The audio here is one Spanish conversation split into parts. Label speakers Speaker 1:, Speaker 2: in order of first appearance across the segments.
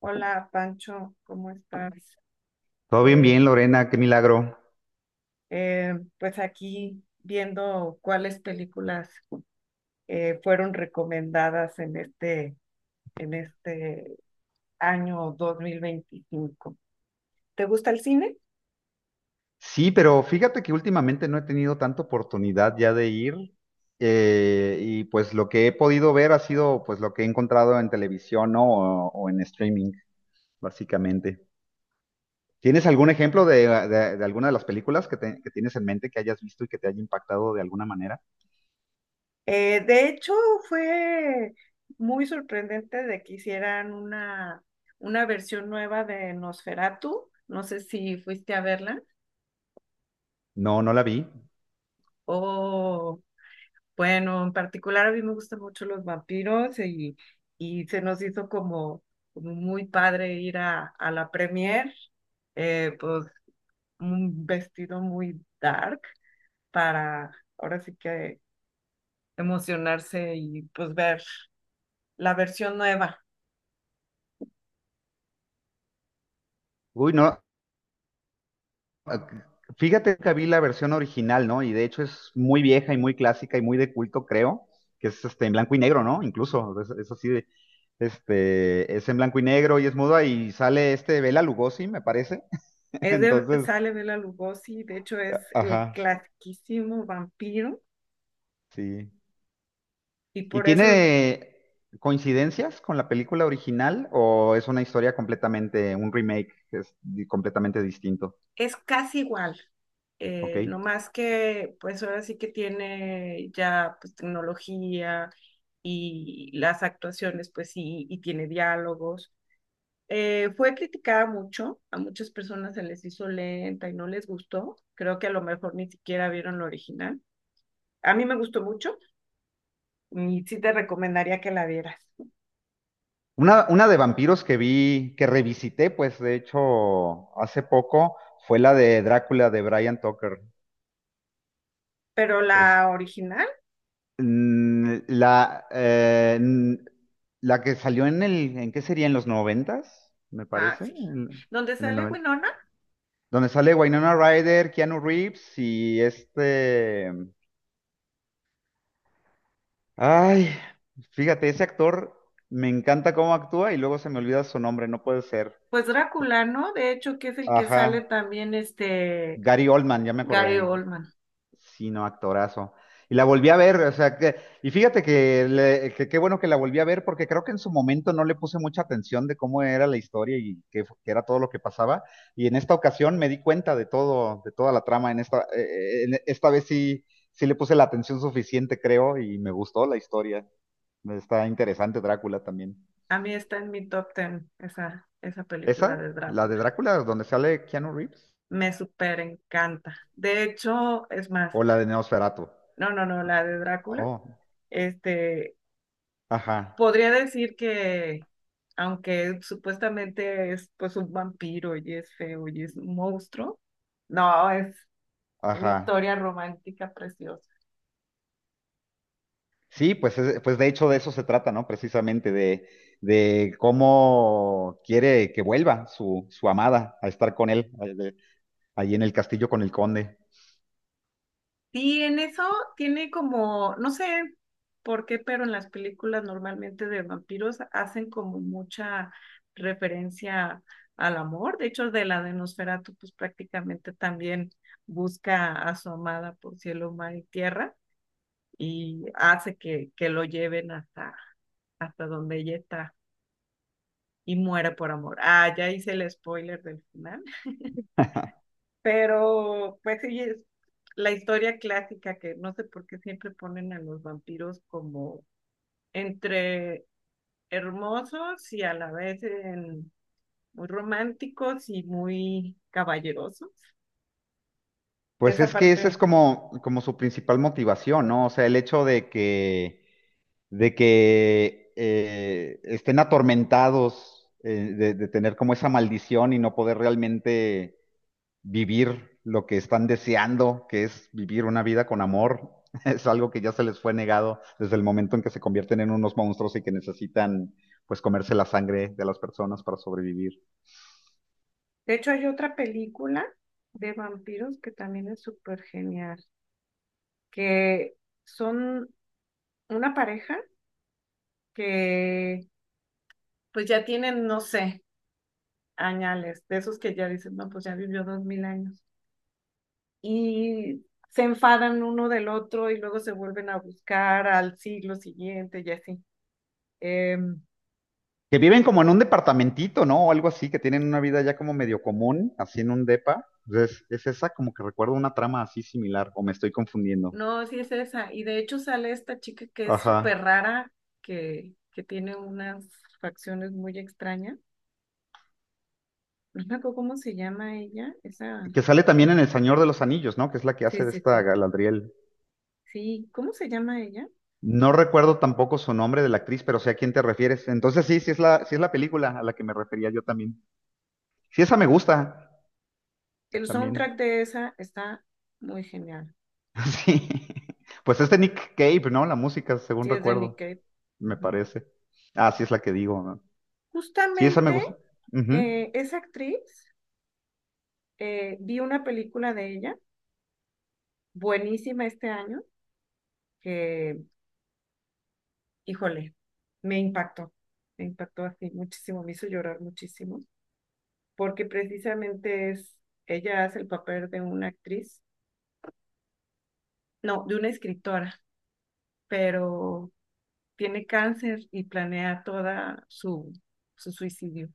Speaker 1: Hola Pancho, ¿cómo estás?
Speaker 2: Todo bien,
Speaker 1: Eh,
Speaker 2: bien, Lorena, qué milagro.
Speaker 1: eh, pues aquí viendo cuáles películas fueron recomendadas en este año 2025. ¿Te gusta el cine?
Speaker 2: Sí, pero fíjate que últimamente no he tenido tanta oportunidad ya de ir y pues lo que he podido ver ha sido pues lo que he encontrado en televisión, ¿no? O en streaming, básicamente. ¿Tienes algún ejemplo de alguna de las películas que tienes en mente que hayas visto y que te haya impactado de alguna manera?
Speaker 1: De hecho, fue muy sorprendente de que hicieran una versión nueva de Nosferatu. No sé si fuiste a verla
Speaker 2: No, no la vi.
Speaker 1: o bueno, en particular a mí me gustan mucho los vampiros y se nos hizo como muy padre ir a la premier, pues un vestido muy dark para ahora sí que emocionarse y pues ver la versión nueva.
Speaker 2: Uy, no. Ah. Fíjate que vi la versión original, ¿no? Y de hecho es muy vieja y muy clásica y muy de culto, creo, que es este en blanco y negro, ¿no? Incluso es así de, este, es en blanco y negro y es muda y sale este Bela Lugosi, me parece.
Speaker 1: Es de,
Speaker 2: Entonces,
Speaker 1: sale Bela Lugosi, de hecho es el
Speaker 2: ajá,
Speaker 1: clasiquísimo vampiro
Speaker 2: sí.
Speaker 1: y
Speaker 2: ¿Y
Speaker 1: por eso
Speaker 2: tiene coincidencias con la película original o es una historia completamente, un remake que es completamente distinto?
Speaker 1: es casi igual,
Speaker 2: ¿Ok?
Speaker 1: no más que pues ahora sí que tiene ya pues tecnología y las actuaciones pues sí, y tiene diálogos. Fue criticada mucho, a muchas personas se les hizo lenta y no les gustó, creo que a lo mejor ni siquiera vieron la original. A mí me gustó mucho y sí te recomendaría que la vieras,
Speaker 2: Una de vampiros que vi, que revisité, pues de hecho hace poco, fue la de Drácula de Brian Tucker.
Speaker 1: pero
Speaker 2: Es,
Speaker 1: la original.
Speaker 2: mm, la, eh, mm, la que salió en el, ¿en qué sería? ¿En los noventas? Me
Speaker 1: Ah,
Speaker 2: parece,
Speaker 1: sí.
Speaker 2: en,
Speaker 1: Donde
Speaker 2: en el
Speaker 1: sale
Speaker 2: noventa.
Speaker 1: Winona,
Speaker 2: Donde sale Winona Ryder, Keanu Reeves y este... Ay, fíjate, ese actor me encanta cómo actúa y luego se me olvida su nombre, no puede ser.
Speaker 1: pues Drácula, ¿no? De hecho, que es el que sale
Speaker 2: Ajá,
Speaker 1: también este
Speaker 2: Gary Oldman, ya me
Speaker 1: Gary
Speaker 2: acordé.
Speaker 1: Oldman.
Speaker 2: Sí, no, actorazo. Y la volví a ver, o sea, que, y fíjate que qué bueno que la volví a ver porque creo que en su momento no le puse mucha atención de cómo era la historia y qué era todo lo que pasaba. Y en esta ocasión me di cuenta de todo, de toda la trama. En esta vez sí, sí le puse la atención suficiente, creo, y me gustó la historia. Está interesante Drácula también.
Speaker 1: A mí está en mi top ten esa película
Speaker 2: ¿Esa?
Speaker 1: de
Speaker 2: ¿La de
Speaker 1: Drácula.
Speaker 2: Drácula donde sale Keanu Reeves?
Speaker 1: Me súper encanta. De hecho, es más,
Speaker 2: ¿O la de Neosferatu?
Speaker 1: no, no, no, la de Drácula.
Speaker 2: Oh,
Speaker 1: Este,
Speaker 2: ajá,
Speaker 1: podría decir que, aunque supuestamente es pues un vampiro y es feo y es un monstruo, no, es una
Speaker 2: ajá.
Speaker 1: historia romántica preciosa.
Speaker 2: Sí, pues, pues de hecho de eso se trata, ¿no? Precisamente de, cómo quiere que vuelva su amada a estar con él, ahí en el castillo con el conde.
Speaker 1: Sí, en eso tiene como, no sé por qué, pero en las películas normalmente de vampiros hacen como mucha referencia al amor. De hecho, de la de Nosferatu, pues prácticamente también busca a su amada por cielo, mar y tierra y hace que lo lleven hasta donde ella está y muere por amor. Ah, ya hice el spoiler del final. Pero, pues sí, es la historia clásica que no sé por qué siempre ponen a los vampiros como entre hermosos y a la vez muy románticos y muy caballerosos.
Speaker 2: Pues
Speaker 1: Esa
Speaker 2: es que esa es
Speaker 1: parte.
Speaker 2: como, como su principal motivación, ¿no? O sea, el hecho de que estén atormentados de tener como esa maldición y no poder realmente vivir lo que están deseando, que es vivir una vida con amor, es algo que ya se les fue negado desde el momento en que se convierten en unos monstruos y que necesitan pues comerse la sangre de las personas para sobrevivir.
Speaker 1: De hecho, hay otra película de vampiros que también es súper genial, que son una pareja que pues ya tienen, no sé, añales, de esos que ya dicen, no, pues ya vivió 2000 años y se enfadan uno del otro y luego se vuelven a buscar al siglo siguiente y así. Eh,
Speaker 2: Que viven como en un departamentito, ¿no? O algo así, que tienen una vida ya como medio común, así en un depa. Entonces, es esa como que recuerdo una trama así similar, o me estoy confundiendo.
Speaker 1: no, sí es esa. Y de hecho sale esta chica que es
Speaker 2: Ajá.
Speaker 1: súper rara, que tiene unas facciones muy extrañas. No me acuerdo cómo se llama ella, esa
Speaker 2: Que sale también
Speaker 1: actriz.
Speaker 2: en El Señor de los Anillos, ¿no? Que es la que
Speaker 1: Sí,
Speaker 2: hace de
Speaker 1: sí,
Speaker 2: esta
Speaker 1: sí.
Speaker 2: Galadriel.
Speaker 1: Sí, ¿cómo se llama ella?
Speaker 2: No recuerdo tampoco su nombre de la actriz, pero sé a quién te refieres. Entonces sí, sí es la película a la que me refería yo también. Sí, esa me gusta
Speaker 1: El
Speaker 2: también.
Speaker 1: soundtrack de esa está muy genial.
Speaker 2: Sí. Pues es de Nick Cave, ¿no? La música, según
Speaker 1: Sí, es de Nick
Speaker 2: recuerdo,
Speaker 1: Cave.
Speaker 2: me
Speaker 1: Ujú.
Speaker 2: parece. Ah, sí es la que digo, ¿no? Sí, esa me
Speaker 1: Justamente
Speaker 2: gusta. Ujú.
Speaker 1: esa actriz, vi una película de ella buenísima este año que, híjole, me impactó, me impactó así muchísimo, me hizo llorar muchísimo, porque precisamente es, ella hace el papel de una actriz, no, de una escritora, pero tiene cáncer y planea toda su suicidio.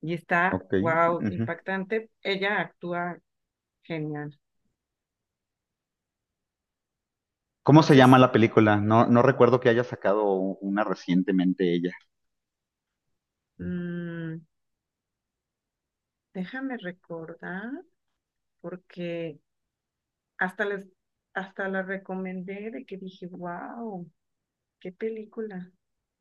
Speaker 1: Y está,
Speaker 2: Ok.
Speaker 1: wow,
Speaker 2: Ujú.
Speaker 1: impactante. Ella actúa genial.
Speaker 2: ¿Cómo se
Speaker 1: Entonces,
Speaker 2: llama la película? No, no recuerdo que haya sacado una recientemente ella.
Speaker 1: mm, déjame recordar, porque Hasta les, hasta la recomendé de que dije, wow, qué película.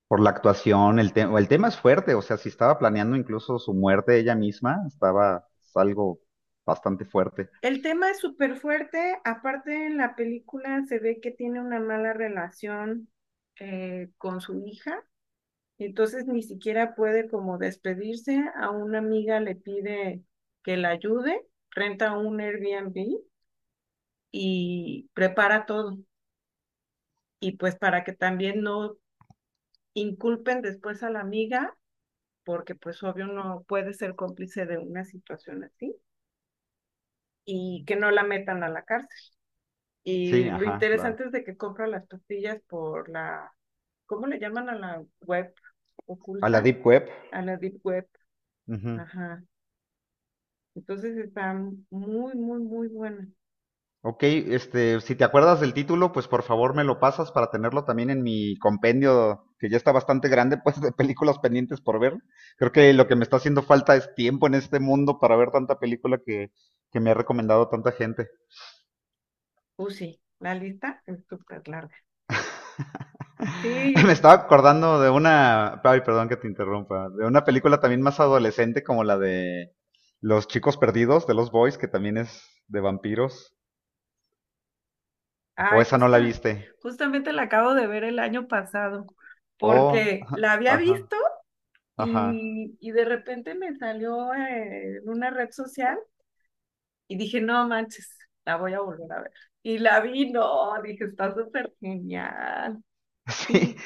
Speaker 2: Por la actuación, el tema es fuerte, o sea, si estaba planeando incluso su muerte ella misma, estaba, es algo bastante fuerte.
Speaker 1: El tema es súper fuerte, aparte en la película se ve que tiene una mala relación con su hija, entonces ni siquiera puede como despedirse, a una amiga le pide que la ayude, renta un Airbnb y prepara todo. Y pues para que también no inculpen después a la amiga, porque pues obvio no puede ser cómplice de una situación así y que no la metan a la cárcel.
Speaker 2: Sí,
Speaker 1: Y lo
Speaker 2: ajá, claro.
Speaker 1: interesante es de que compra las pastillas por la, ¿cómo le llaman a la web
Speaker 2: A la
Speaker 1: oculta?
Speaker 2: Deep Web.
Speaker 1: A la deep web.
Speaker 2: Ujú.
Speaker 1: Ajá. Entonces está muy, muy, muy buena.
Speaker 2: Ok, este, si te acuerdas del título, pues por favor me lo pasas para tenerlo también en mi compendio, que ya está bastante grande, pues, de películas pendientes por ver. Creo que lo que me está haciendo falta es tiempo en este mundo para ver tanta película que me ha recomendado tanta gente.
Speaker 1: Sí, la lista es súper larga.
Speaker 2: Me
Speaker 1: Sí,
Speaker 2: estaba acordando de una, ay, perdón que te interrumpa, de una película también más adolescente como la de Los chicos perdidos de los Boys, que también es de vampiros. O
Speaker 1: ay,
Speaker 2: esa no la viste.
Speaker 1: justamente la acabo de ver el año pasado,
Speaker 2: Oh,
Speaker 1: porque la había
Speaker 2: ajá,
Speaker 1: visto.
Speaker 2: ajá.
Speaker 1: Y de repente me salió en una red social y dije, no manches, la voy a volver a ver. Y la vi, no, dije, está súper genial.
Speaker 2: Sí.
Speaker 1: Sí.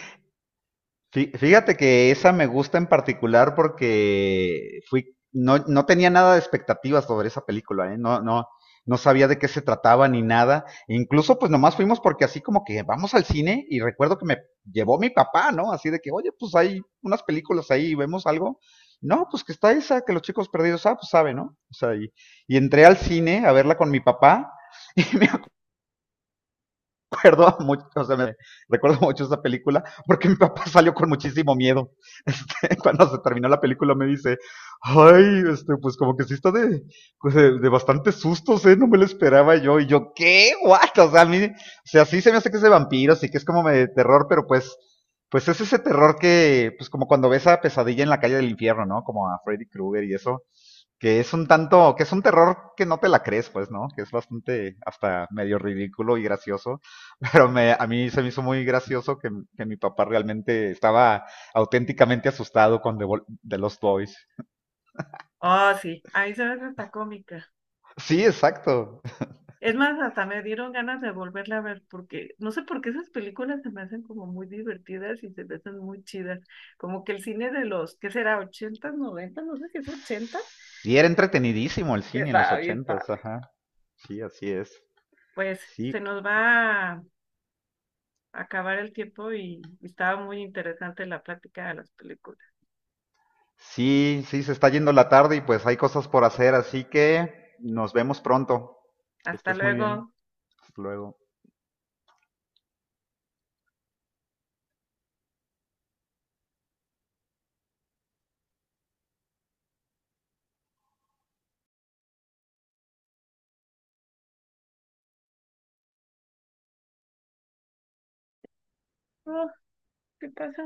Speaker 2: Fíjate que esa me gusta en particular porque fui, no, no tenía nada de expectativas sobre esa película, ¿eh? No, no, no sabía de qué se trataba ni nada. E incluso, pues nomás fuimos porque así como que vamos al cine y recuerdo que me llevó mi papá, ¿no? Así de que, oye, pues hay unas películas ahí, vemos algo. No, pues que está esa, que los chicos perdidos, ah, pues sabe, ¿no? O sea, y entré al cine a verla con mi papá y acuerdo mucho, o sea, me recuerdo mucho esa película porque mi papá salió con muchísimo miedo. Este, cuando se terminó la película me dice, ay, este, pues como que sí está de, pues de bastantes sustos, ¿eh? No me lo esperaba yo. Y yo, ¿qué? ¿What? O sea, a mí, o sea, sí se me hace que es de vampiros y que es como de terror, pero pues es ese terror que, pues como cuando ves a Pesadilla en la calle del infierno, ¿no? Como a Freddy Krueger y eso que es un tanto, que es un terror que no te la crees, pues, ¿no? Que es bastante hasta medio ridículo y gracioso, pero a mí se me hizo muy gracioso que mi papá realmente estaba auténticamente asustado con The Lost Boys.
Speaker 1: Oh, sí, ahí se ve hasta cómica.
Speaker 2: Sí, exacto.
Speaker 1: Es más, hasta me dieron ganas de volverla a ver porque no sé por qué esas películas se me hacen como muy divertidas y se me hacen muy chidas. Como que el cine de los, ¿qué será? ¿ochentas 90? No sé si es ochenta.
Speaker 2: Sí, era entretenidísimo el cine en los
Speaker 1: Está bien
Speaker 2: ochentas,
Speaker 1: padre.
Speaker 2: ajá. Sí, así es.
Speaker 1: Pues se
Speaker 2: Sí,
Speaker 1: nos va acabar el tiempo y estaba muy interesante la plática de las películas.
Speaker 2: sí, sí, se está yendo la tarde y pues hay cosas por hacer, así que nos vemos pronto. Que
Speaker 1: Hasta
Speaker 2: estés muy bien.
Speaker 1: luego.
Speaker 2: Hasta luego.
Speaker 1: Oh, ¿qué pasó?